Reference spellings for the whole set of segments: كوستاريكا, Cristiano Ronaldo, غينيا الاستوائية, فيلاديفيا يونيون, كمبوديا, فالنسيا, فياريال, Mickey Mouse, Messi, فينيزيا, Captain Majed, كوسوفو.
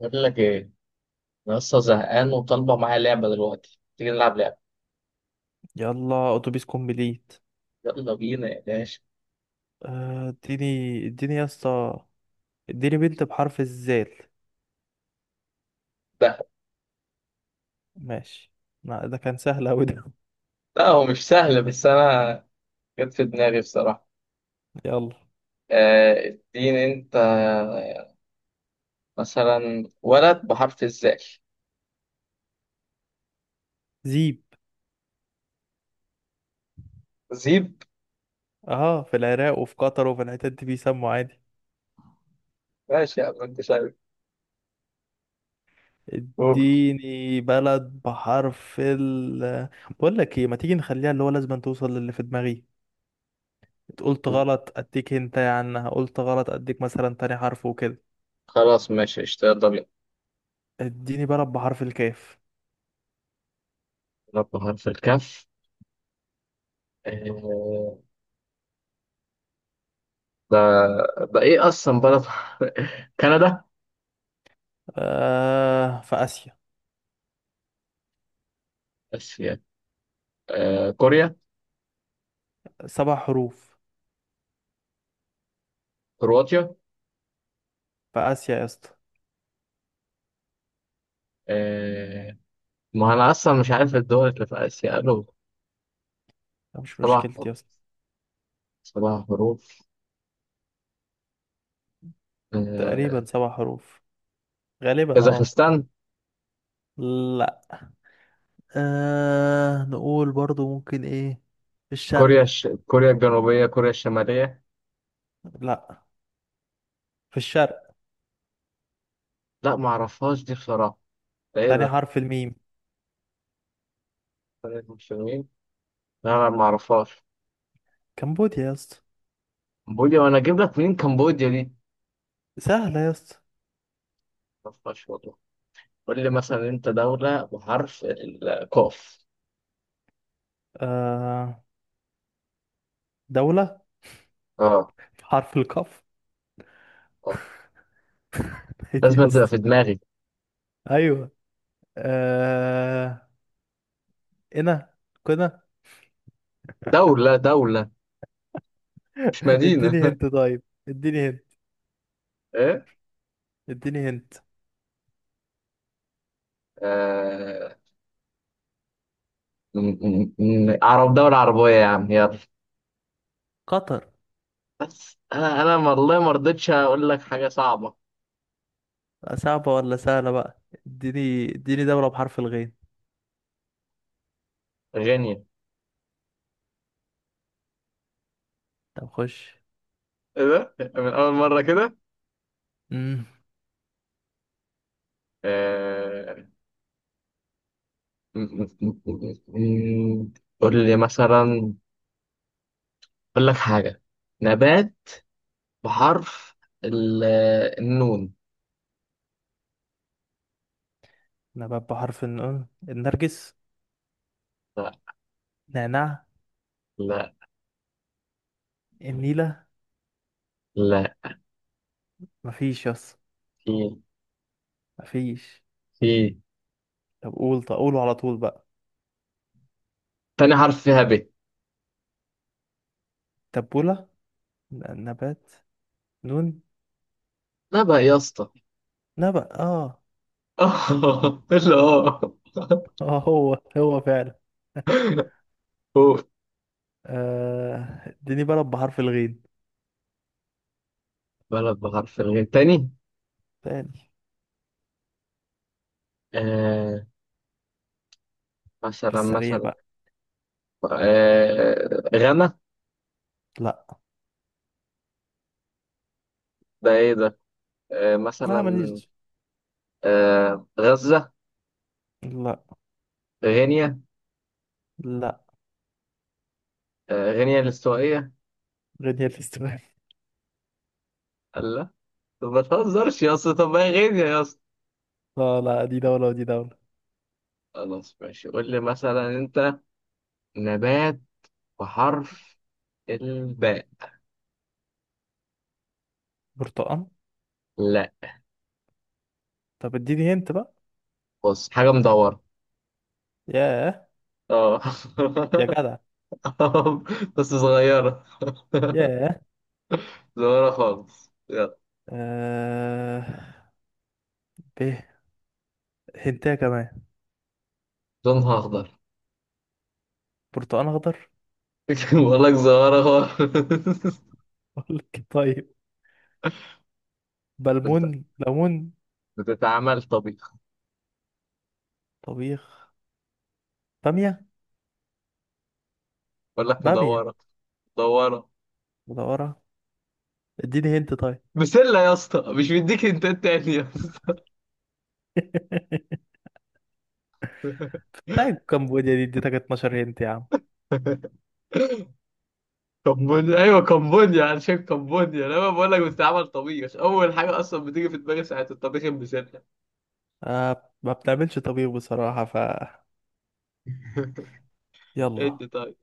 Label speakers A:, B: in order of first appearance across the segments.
A: بقول لك ايه؟ انا لسه زهقان وطالبه معايا لعبه دلوقتي، تيجي نلعب لعبه.
B: يلا اتوبيس كومبليت.
A: يلا بينا يا باشا.
B: اديني يا اسطى. اديني بنت بحرف الزال.
A: ده.
B: ماشي. لا ده كان سهل اوي ده.
A: لا، هو مش سهل، بس انا جت في دماغي بصراحه.
B: يلا.
A: آه، اديني انت. مثلا ولد بحرف الزال.
B: زيب.
A: زيب.
B: اه، في العراق وفي قطر وفي الحتت دي بيسموا عادي.
A: ماشي يا عم، انت شايف. أوه.
B: اديني بلد بحرف ال، بقول لك ايه، ما تيجي نخليها اللي هو لازم أن توصل للي في دماغي. قلت غلط اديك انت عنها، قلت غلط اديك مثلا تاني حرف وكده.
A: خلاص ماشي قشطة، يلا بينا.
B: اديني بلد بحرف الكاف.
A: ولد بحرف الكاف. آه. ده. ده ايه اصلا بلد؟ كندا.
B: آه، في اسيا.
A: اسيا. آه، كوريا.
B: 7 حروف.
A: كرواتيا.
B: في اسيا يا اسطى.
A: ما أنا أصلا مش عارف الدول اللي في آسيا، قالوا
B: مش
A: سبع حروف.
B: مشكلتي يا اسطى.
A: سبع حروف. آه.
B: تقريبا 7 حروف. غالبا اه.
A: كازاخستان.
B: لا. آه، نقول برضو ممكن ايه. في الشرق.
A: كوريا الجنوبية. كوريا الشمالية.
B: لا. في الشرق.
A: لا، ما أعرفهاش دي بصراحة. ده إيه
B: تاني
A: ده؟
B: حرف الميم.
A: كوريا المسلمين. لا لا، ما أعرفهاش.
B: كمبوديا يا اسطى.
A: كمبوديا؟ وأنا أجيب لك منين كمبوديا دي؟
B: سهلة يا اسطى.
A: ما أعرفهاش والله. قول لي مثلا أنت، دولة بحرف القاف.
B: آه. دولة.
A: أه.
B: حرف القاف.
A: أه.
B: إيه دي
A: لازم
B: يا
A: تبقى في
B: اسطى؟
A: دماغي.
B: ايوه. آه. هنا. كنا.
A: دولة دولة. مش مدينة.
B: اديني هنت طيب، اديني هنت.
A: إيه؟
B: اديني هنت.
A: آه... م- عرب، دولة عربية يا عم، يلا.
B: قطر.
A: بس انا والله ما رضيتش اقول لك حاجه صعبه.
B: صعبة ولا سهلة بقى؟ اديني دولة بحرف الغين.
A: غنية.
B: طب خش.
A: ايه ده؟ من اول مره كده. آه، قول لي مثلا. اقول لك حاجه. نبات. بحرف ال- النون.
B: نبات بحرف النون: النرجس.
A: لا
B: نعناع.
A: لا
B: النيلة.
A: لا.
B: مفيش يس.
A: في.
B: مفيش.
A: في.
B: طب قول، طب قوله على طول بقى.
A: تاني حرف فيها ب.
B: تبولة. نبات. نون.
A: لا بقى يا اسطى.
B: نبأ، اه.
A: لا.
B: اه، هو فعلا.
A: هو.
B: آه، اديني بلد بحرف الغين
A: بلد بحرف الغين تاني.
B: تاني.
A: آه.
B: في
A: مثلا
B: السريع
A: مثلا.
B: بقى.
A: آه، غنى.
B: لا.
A: ده ايه ده؟ آه،
B: لا،
A: مثلا.
B: ماليش.
A: آه، غزة.
B: لا.
A: غينيا.
B: لا،
A: آه، غينيا الاستوائية.
B: غينيا الاستوائية.
A: قال لا. طب ما تهزرش يا اسطى، طب ما هي غينيا يا اسطى.
B: لا لا، دي دولة ودي دولة.
A: خلاص ماشي، قول لي مثلا انت، نبات بحرف الباء.
B: برتقال.
A: لا.
B: طب اديني هنت بقى.
A: بص، حاجة مدورة.
B: ياه.
A: اه.
B: يا جدع.
A: بس صغيرة.
B: ياه.
A: صغيرة خالص، يلا.
B: آه. ب. هنتايه كمان.
A: لونها أخضر.
B: برتقال اخضر.
A: بقول لك صغيرة خالص.
B: اقول لك طيب.
A: انت
B: بلمون، ليمون.
A: بتتعمل طبيخ.
B: طبيخ. باميه.
A: بقول لك
B: باميه.
A: مدورة. مدورة.
B: مدوره. اديني هنت طيب.
A: بسلة يا اسطى، مش مديك انت تاني يا اسطى.
B: بتاع كمبوديا دي اديتك 12 هنت يا عم.
A: كمبونيا، ايوه كمبونيا انا شايف، كمبونيا. انا بقول لك بتتعمل طبيخ، اول حاجه اصلا بتيجي في دماغي ساعه الطبيخ بسلة.
B: آه، ما بنعملش طبيخ بصراحه ف. يلا.
A: انت طيب.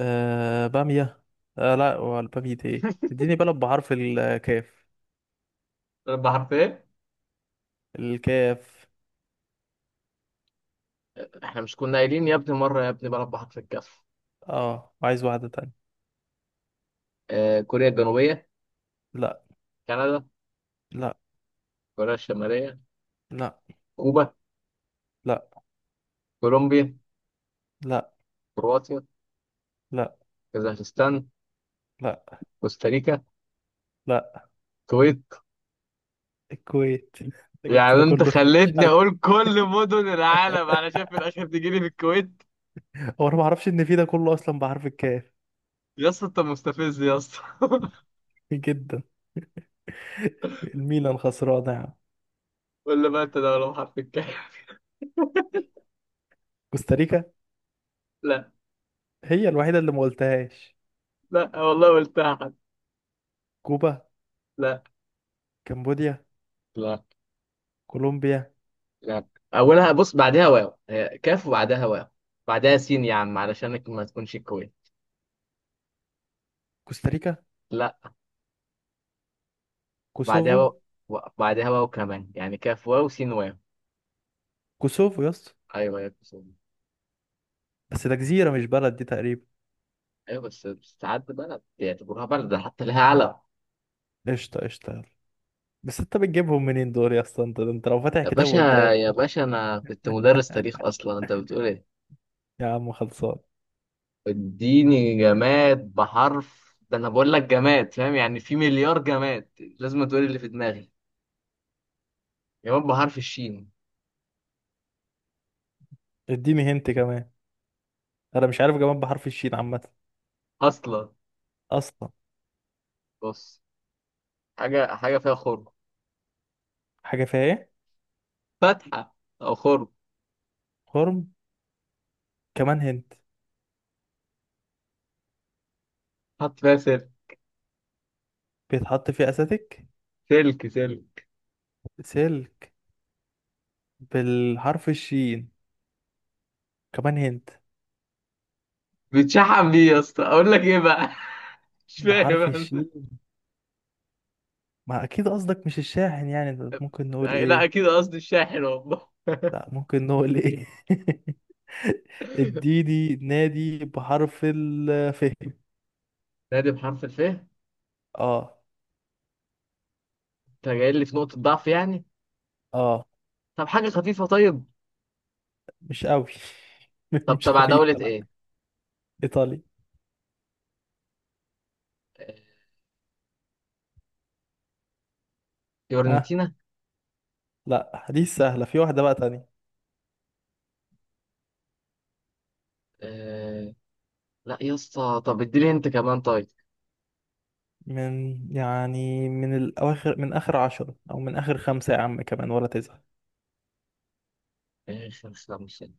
B: آه، باميه. آه لا، والباميه دي ايه، اديني بلد بحرف الكاف.
A: مربى حرف ايه؟
B: الكاف.
A: احنا مش كنا قايلين يا ابني مره، يا ابني مربى حرف الكاف.
B: اه، عايز واحده تانية.
A: آه، كوريا الجنوبيه.
B: لا.
A: كندا.
B: لا.
A: كوريا الشماليه.
B: لا.
A: كوبا.
B: لا.
A: كولومبيا.
B: لا.
A: كرواتيا.
B: لا.
A: كازاخستان.
B: لا.
A: كوستاريكا.
B: لا.
A: الكويت.
B: الكويت. انت جبت
A: يعني
B: ده
A: انت
B: كله؟
A: خليتني اقول كل مدن العالم انا شايف، في الاخر تجيلي في الكويت.
B: هو انا ما اعرفش ان في ده كله اصلا بحرف الكاف.
A: يا اسطى، انت مستفز يا اسطى.
B: جدا. الميلان خسرانه يا عم.
A: ولا ما انت ده؟ ولا حرف الكاف.
B: كوستاريكا
A: لا
B: هي الوحيده اللي ما قلتهاش.
A: لا والله قلتها. حد.
B: كوبا.
A: لا.
B: كمبوديا.
A: لا.
B: كولومبيا.
A: لا. اولها بص بعدها واو، هي كاف وبعدها واو، بعدها سين يا عم علشانك ما تكونش كويس.
B: كوستاريكا.
A: لا بعدها
B: كوسوفو.
A: واو. بعدها واو كمان، يعني كاف واو سين واو.
B: كوسوفو يا اسطى.
A: ايوه يا بس.
B: بس ده جزيره مش بلد دي تقريبا.
A: ايوه، بس بس ساعات بلد بيعتبروها بلد، ده حتى لها علم.
B: قشطه قشطه، يلا. بس انت بتجيبهم منين دول يا اسطى، انت لو فاتح
A: يا
B: كتاب
A: باشا،
B: قدام.
A: يا باشا انا كنت مدرس تاريخ اصلا، انت بتقول ايه؟
B: يا عم خلصان.
A: اديني جماد بحرف، ده انا بقول لك جماد، فاهم يعني في مليار جماد. لازم تقولي اللي في دماغي. جماد بحرف الشين.
B: اديني هنت كمان. انا مش عارف كمان بحرف الشين عامه.
A: اصلا.
B: اصلا.
A: بص. حاجه حاجه فيها خرم.
B: حاجه فيها ايه؟
A: فتحه. او خرم.
B: هرم. كمان هنت.
A: حط فيها سلك.
B: بيتحط فيه اساتيك.
A: سلك. سلك.
B: سلك. بالحرف الشين. كمان هنت.
A: بتشحن بيه يا اسطى، اقول لك ايه بقى؟ مش فاهم
B: بحرف
A: انا.
B: الشين. ما اكيد قصدك مش الشاحن، يعني ده ممكن نقول
A: لا،
B: ايه.
A: اكيد قصدي الشاحن والله.
B: لا، ممكن نقول ايه. اديني نادي بحرف الف.
A: نادي بحرف الف، انت
B: اه.
A: جاي لي في نقطه ضعف يعني.
B: اه.
A: طب حاجه خفيفه طيب.
B: مش قوي.
A: طب
B: مش
A: تبع دوله
B: خفيفة، لا.
A: ايه؟
B: ايطالي.
A: آه،
B: اه.
A: فيورنتينا.
B: لا دي سهلة، في واحدة بقى تانية.
A: آه، لا يا اسطى، طب اديني انت كمان طيب.
B: من يعني من الاواخر، من اخر 10 او من اخر 5 يا عم كمان ولا تزعل.
A: ايه خمس، لا مش هنا.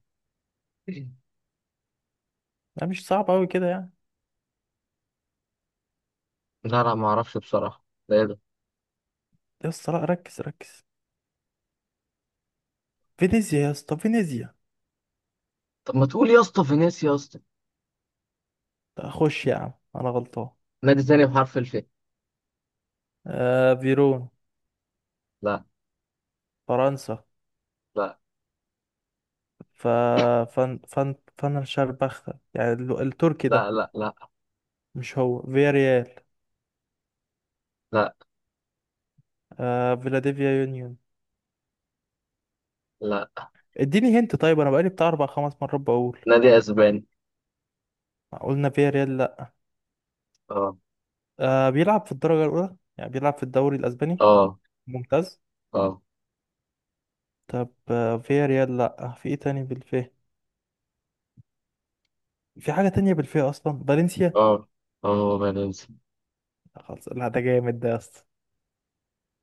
B: لا مش صعب قوي كده يعني.
A: لا لا، ما اعرفش بصراحه، ده ايه ده؟
B: يا اسطى لا، ركز ركز. فينيزيا يا اسطى، فينيزيا.
A: طب ما تقول يا اسطى فينيس يا اسطى.
B: خش يا عم انا غلطان.
A: نادي تاني بحرف الف.
B: آه، فيرون.
A: لا.
B: فرنسا.
A: لا.
B: ف. فن شربختة، يعني التركي ده.
A: لا. لا. لا.
B: مش هو فياريال.
A: لا.
B: آه، فيلاديفيا يونيون.
A: لا.
B: اديني هنت طيب، انا بقالي بتاع 4 5 مرات بقول.
A: نادي اسباني.
B: قلنا فياريال، لا.
A: اه.
B: آه، بيلعب في الدرجة الاولى يعني، بيلعب في الدوري الاسباني.
A: اه.
B: ممتاز.
A: اه.
B: طب آه فياريال، لا. آه، في ايه تاني بالفيه؟ في حاجة تانية بالفيه اصلا: فالنسيا.
A: اه. اه. فالنسيا.
B: خلاص لا، ده جامد ده يا اسطى.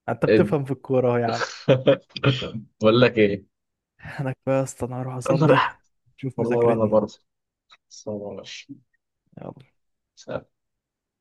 B: انت
A: إد-
B: بتفهم في الكورة اهو يا عم.
A: بقول لك ايه.
B: انا كفايه يا اسطى، انا هروح
A: انا
B: اصلي.
A: رايح.
B: شوف
A: والله وانا
B: مذاكرتنا.
A: برضه. سلام عليكم.
B: يلا
A: سلام.